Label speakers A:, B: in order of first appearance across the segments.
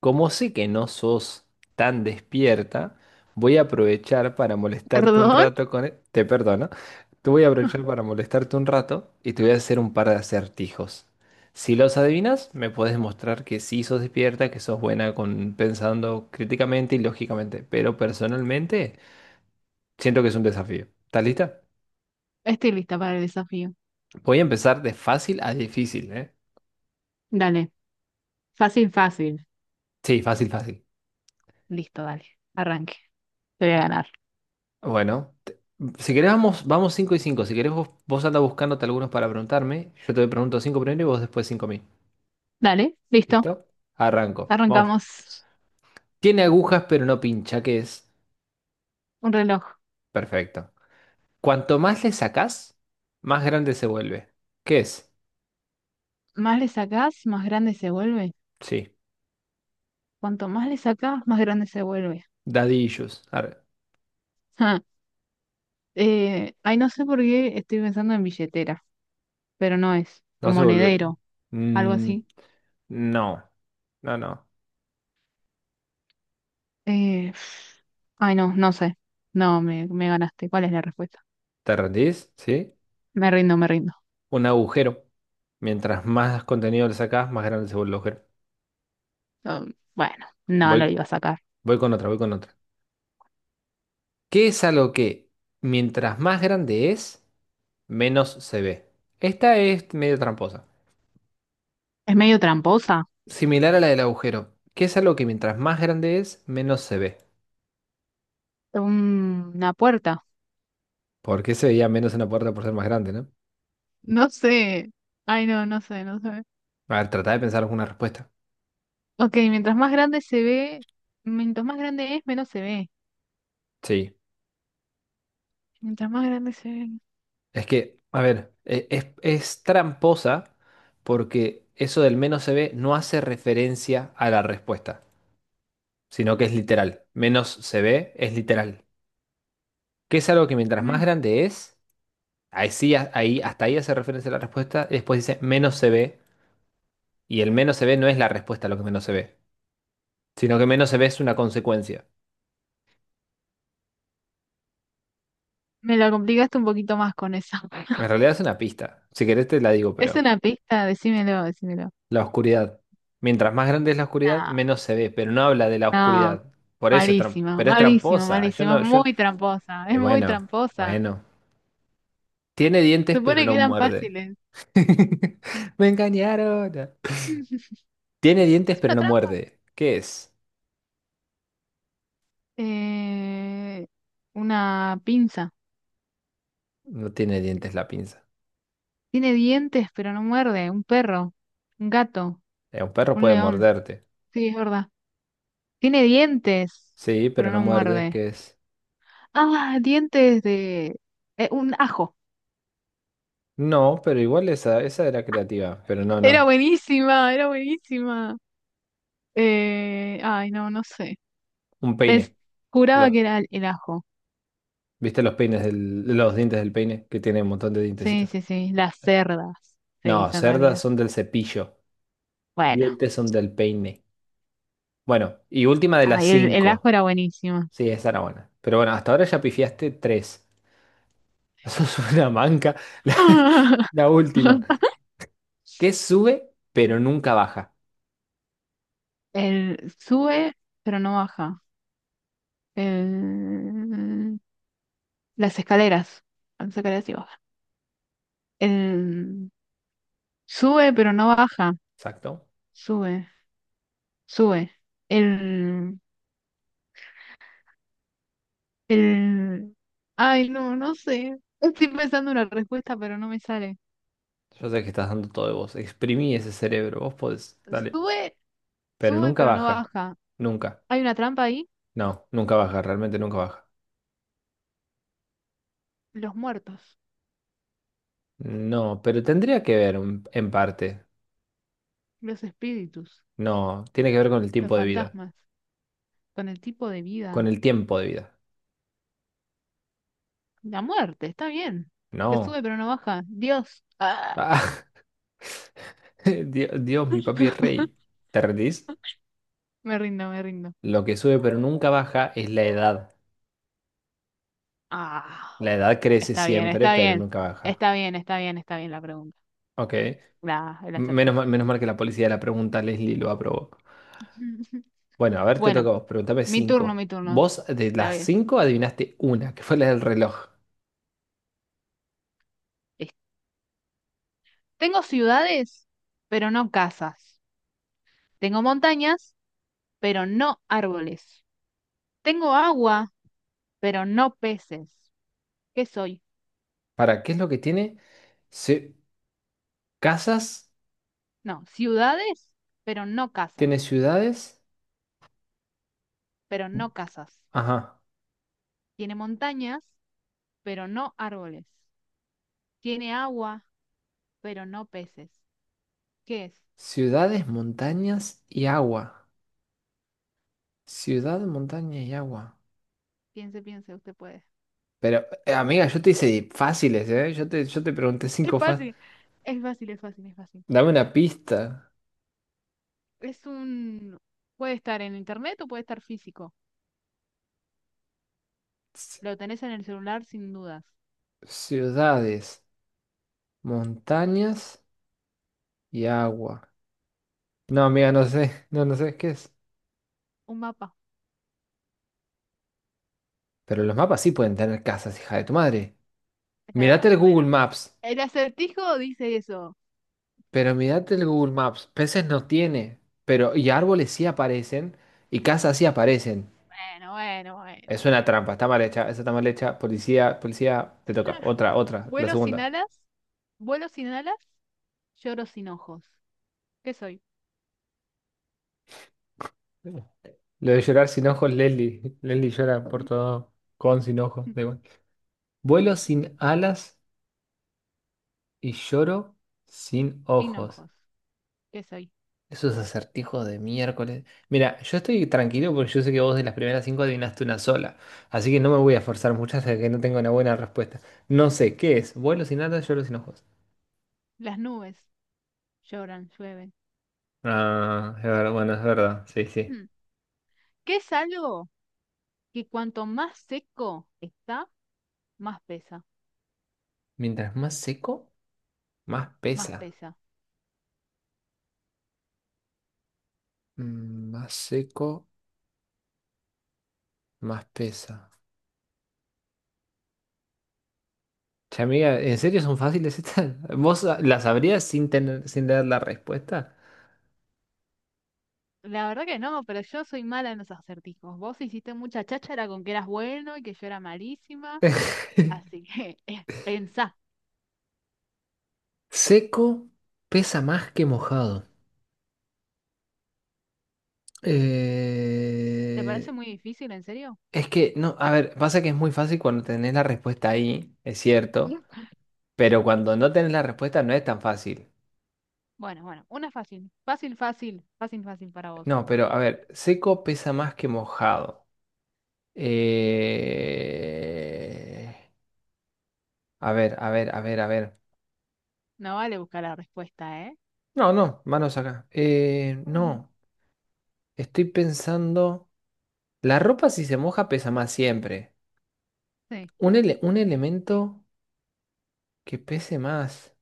A: Como sé que no sos tan despierta, voy a aprovechar para molestarte un
B: Perdón,
A: rato con... Te perdono. Te voy a aprovechar para molestarte un rato y te voy a hacer un par de acertijos. Si los adivinas, me puedes mostrar que sí sos despierta, que sos buena con pensando críticamente y lógicamente. Pero personalmente, siento que es un desafío. ¿Estás lista?
B: estoy lista para el desafío.
A: Voy a empezar de fácil a difícil, ¿eh?
B: Dale, fácil, fácil.
A: Sí, fácil, fácil.
B: Listo, dale, arranque. Te voy a ganar.
A: Bueno. Si querés, vamos 5 y 5. Si querés, vos anda buscándote algunos para preguntarme. Yo te pregunto cinco primero y vos después 5 a mí.
B: Dale, listo,
A: ¿Listo? Arranco. Vamos.
B: arrancamos.
A: Tiene agujas, pero no pincha, ¿qué es?
B: Un reloj.
A: Perfecto. Cuanto más le sacás, más grande se vuelve. ¿Qué es?
B: Más le sacás, más grande se vuelve.
A: Sí.
B: Cuanto más le sacás, más grande se vuelve.
A: Daddy issues. Arre.
B: Ja. Ay, no sé por qué estoy pensando en billetera, pero no es. O
A: No se vuelve.
B: monedero, algo
A: Mm,
B: así.
A: no. No, no.
B: Eh, Ay, no, no sé. No, me ganaste. ¿Cuál es la respuesta?
A: ¿Te rendís? ¿Sí?
B: Me rindo, me rindo.
A: Un agujero. Mientras más contenido le sacás, más grande se vuelve el agujero.
B: Bueno, no, no lo
A: Voy,
B: iba a sacar.
A: voy con otra, voy con otra. ¿Qué es algo que mientras más grande es, menos se ve? Esta es medio tramposa.
B: Es medio tramposa.
A: Similar a la del agujero. ¿Qué es algo que mientras más grande es, menos se ve?
B: Una puerta.
A: ¿Por qué se veía menos una puerta por ser más grande, no?
B: No sé. Ay, no, no sé, no sé.
A: A ver, tratá de pensar alguna respuesta.
B: Ok, mientras más grande se ve, mientras más grande es, menos se ve.
A: Sí.
B: Mientras más grande se ve,
A: Es que, a ver, es tramposa porque eso del menos se ve no hace referencia a la respuesta, sino que es literal. Menos se ve es literal. ¿Qué es algo que mientras más
B: men-
A: grande es? Ahí sí, ahí, hasta ahí hace referencia la respuesta. Y después dice menos se ve. Y el menos se ve no es la respuesta a lo que menos se ve, sino que menos se ve es una consecuencia.
B: me la complicaste un poquito más con eso.
A: En realidad es una pista. Si querés te la digo,
B: Es
A: pero
B: una pista, decímelo, decímelo.
A: la oscuridad. Mientras más grande es la oscuridad, menos se ve, pero no habla de la
B: No,
A: oscuridad.
B: no,
A: Por eso es
B: malísima,
A: pero es
B: malísima,
A: tramposa. Yo
B: malísima. Es
A: no, yo.
B: muy tramposa, es
A: Eh,
B: muy
A: bueno,
B: tramposa.
A: bueno. Tiene dientes, pero
B: Supone que
A: no
B: eran
A: muerde.
B: fáciles.
A: Me engañaron. Tiene dientes,
B: Es
A: pero
B: una
A: no
B: trampa.
A: muerde. ¿Qué es?
B: Eh, una pinza.
A: No tiene dientes la pinza.
B: Tiene dientes, pero no muerde. Un perro, un gato.
A: Un perro
B: Un
A: puede
B: león,
A: morderte.
B: sí, es verdad. Tiene dientes,
A: Sí, pero
B: pero
A: no
B: no
A: muerde,
B: muerde.
A: que es.
B: Ah, dientes de... un ajo.
A: No, pero igual esa, esa era creativa, pero no,
B: Era
A: no.
B: buenísima, era buenísima. Ay, no, no sé.
A: Un
B: Pens-
A: peine.
B: Juraba
A: Lo-
B: que era el ajo.
A: ¿Viste los peines los dientes del peine? Que tiene un montón de
B: Sí,
A: dientecitos.
B: sí, sí. Las cerdas, se
A: No,
B: dice en
A: cerdas
B: realidad.
A: son del cepillo.
B: Bueno,
A: Dientes son del peine. Bueno, y última de las
B: ay, el ajo
A: cinco.
B: era buenísimo.
A: Sí, esa era buena. Pero bueno, hasta ahora ya pifiaste tres. Sos una manca. La, la última. Que sube, pero nunca baja.
B: El sube, pero no baja. El, las escaleras. Las escaleras sí bajan. El sube, pero no baja.
A: Exacto.
B: Sube, sube. El, el... Ay, no, no sé. Estoy pensando una respuesta, pero no me sale.
A: Yo sé que estás dando todo de vos. Exprimí ese cerebro. Vos podés. Dale.
B: Sube,
A: Pero
B: sube,
A: nunca
B: pero no
A: baja.
B: baja.
A: Nunca.
B: Hay una trampa ahí.
A: No, nunca baja, realmente nunca baja.
B: Los muertos,
A: No, pero tendría que ver en parte.
B: los espíritus,
A: No, tiene que ver con el
B: los
A: tiempo de vida.
B: fantasmas, con el tipo de
A: Con
B: vida.
A: el tiempo de vida.
B: La muerte, está bien. Que
A: No.
B: sube, pero no baja. Dios. Ah.
A: Ah, Dios, Dios, mi papi es rey. ¿Te rendís?
B: Me rindo, me rindo.
A: Lo que sube pero nunca baja es la edad.
B: Ah,
A: La edad crece
B: está bien,
A: siempre,
B: está
A: pero
B: bien.
A: nunca baja.
B: Está bien, está bien, está bien la pregunta.
A: Ok.
B: La, el acertijo.
A: Menos mal que la policía de la pregunta, Leslie, lo aprobó. Bueno, a ver, te toca
B: Bueno,
A: a vos. Pregúntame
B: mi turno,
A: cinco.
B: mi turno.
A: Vos de
B: Pero
A: las
B: bien.
A: cinco adivinaste una, que fue la del reloj.
B: Es- Tengo ciudades, pero no casas. Tengo montañas, pero no árboles. Tengo agua, pero no peces. ¿Qué soy?
A: ¿Para qué es lo que tiene? Se- Casas,
B: No, ciudades, pero no casas.
A: tiene ciudades,
B: Pero no casas.
A: ajá,
B: Tiene montañas, pero no árboles. Tiene agua, pero no peces. ¿Qué es?
A: ciudades, montañas y agua. Ciudad, montaña y agua.
B: Piense, piense, usted puede.
A: Pero, amiga, yo te hice fáciles, ¿eh? Yo te pregunté
B: Es
A: cinco fáciles.
B: fácil, es fácil, es fácil, es fácil.
A: Dame una pista.
B: Es un... puede estar en internet o puede estar físico.
A: Ci-
B: Lo tenés en el celular sin dudas.
A: Ciudades, montañas y agua. No, amiga, no sé, no, no sé qué es.
B: Un mapa.
A: Pero los mapas sí pueden tener casas, hija de tu madre.
B: Es
A: Mírate
B: verdad.
A: el
B: Bueno.
A: Google Maps.
B: El acertijo dice eso.
A: Pero mirate el Google Maps, peces no tiene, pero y árboles sí aparecen y casas sí aparecen.
B: Bueno, bueno,
A: Es
B: bueno,
A: una
B: bueno.
A: trampa, está mal hecha, esa está mal hecha. Policía, policía, te toca. Otra, otra, la
B: Vuelo sin
A: segunda.
B: alas. Vuelo sin alas. Lloro sin ojos. ¿Qué soy?
A: Lo de llorar sin ojos, Leslie. Leslie llora por todo, con sin ojos, da igual. Vuelo sin alas y lloro sin
B: Sin
A: ojos.
B: ojos. ¿Qué soy?
A: Esos acertijos de miércoles. Mira, yo estoy tranquilo porque yo sé que vos de las primeras cinco adivinaste una sola. Así que no me voy a forzar mucho hasta que no tenga una buena respuesta. No sé, ¿qué es? ¿Vuelo sin alas, yo sin ojos?
B: Las nubes lloran, llueven.
A: Ah, es bueno, es verdad. Sí, sí.
B: Mm. ¿Qué es algo que cuanto más seco está, más pesa?
A: Mientras más seco, más
B: Más
A: pesa.
B: pesa.
A: Mm, más seco, más pesa. Che, amiga, ¿en serio son fáciles estas? ¿Vos las sabrías sin tener, sin leer la respuesta?
B: La verdad que no, pero yo soy mala en los acertijos. Vos hiciste mucha cháchara con que eras bueno y que yo era malísima. Así que pensá.
A: Seco pesa más que mojado.
B: ¿Te parece
A: Eh,
B: muy difícil, en serio?
A: no, a ver, pasa que es muy fácil cuando tenés la respuesta ahí, es cierto,
B: No.
A: pero cuando no tenés la respuesta no es tan fácil.
B: Bueno, bueno, una fácil. Fácil, fácil, fácil, fácil para vos.
A: No, pero a ver, seco pesa más que mojado. Eh, a ver, a ver, a ver, a ver.
B: No vale buscar la respuesta, ¿eh?
A: No, no, manos acá.
B: Ujú.
A: No, estoy pensando, la ropa si se moja pesa más siempre.
B: Sí.
A: Un un elemento que pese más.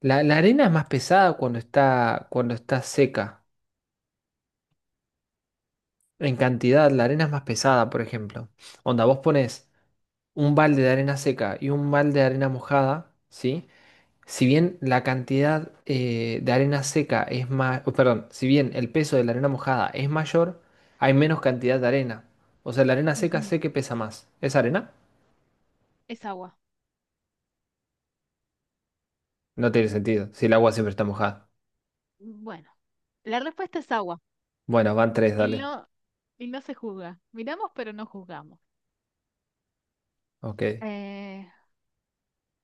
A: La arena es más pesada cuando está seca. En cantidad, la arena es más pesada, por ejemplo. Onda, vos pones un balde de arena seca y un balde de arena mojada, ¿sí? Si bien la cantidad de arena seca es más, perdón, si bien el peso de la arena mojada es mayor, hay menos cantidad de arena. O sea, la arena seca
B: Ujú,
A: sé que pesa más. ¿Es arena?
B: es agua.
A: No tiene sentido, si el agua siempre está mojada.
B: Bueno, la respuesta es agua.
A: Bueno, van tres,
B: Y
A: dale.
B: no, y no se juzga. Miramos, pero no juzgamos.
A: Ok,
B: Eh,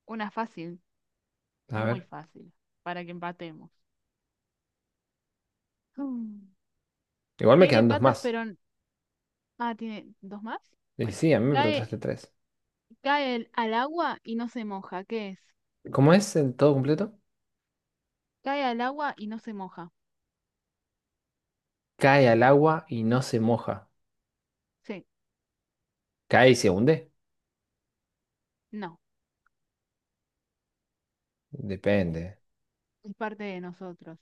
B: una fácil,
A: a
B: muy
A: ver.
B: fácil, para que empatemos. Mm.
A: Igual me
B: Tiene
A: quedan dos
B: patas,
A: más.
B: pero... ah, tiene dos más.
A: Y
B: Bueno,
A: sí, a mí me preguntaste
B: cae,
A: tres.
B: al agua y no se moja. ¿Qué es?
A: ¿Cómo es el todo completo?
B: Cae al agua y no se moja.
A: Cae al agua y no se moja.
B: Sí,
A: ¿Cae y se hunde?
B: no,
A: Depende.
B: es parte de nosotros.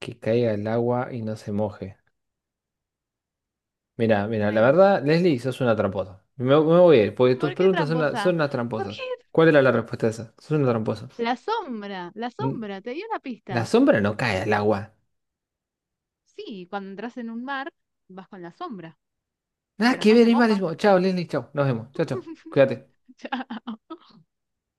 A: Que caiga al agua y no se moje. Mira, mira,
B: Una
A: la
B: ilusión.
A: verdad, Leslie, sos una tramposa. Me voy a ir, porque tus
B: ¿Por qué
A: preguntas son,
B: tramposa?
A: son unas
B: ¿Por
A: tramposas.
B: qué?
A: ¿Cuál era la respuesta a esa? Sos una tramposa.
B: La
A: Mm,
B: sombra, te di una
A: la
B: pista.
A: sombra no cae al agua.
B: Sí, cuando entras en un mar, vas con la sombra,
A: Nada
B: pero
A: que
B: no
A: ver,
B: se
A: es
B: moja.
A: malísimo. Chao, Leslie, chao. Nos vemos. Chao, chao. Cuídate.
B: Chao.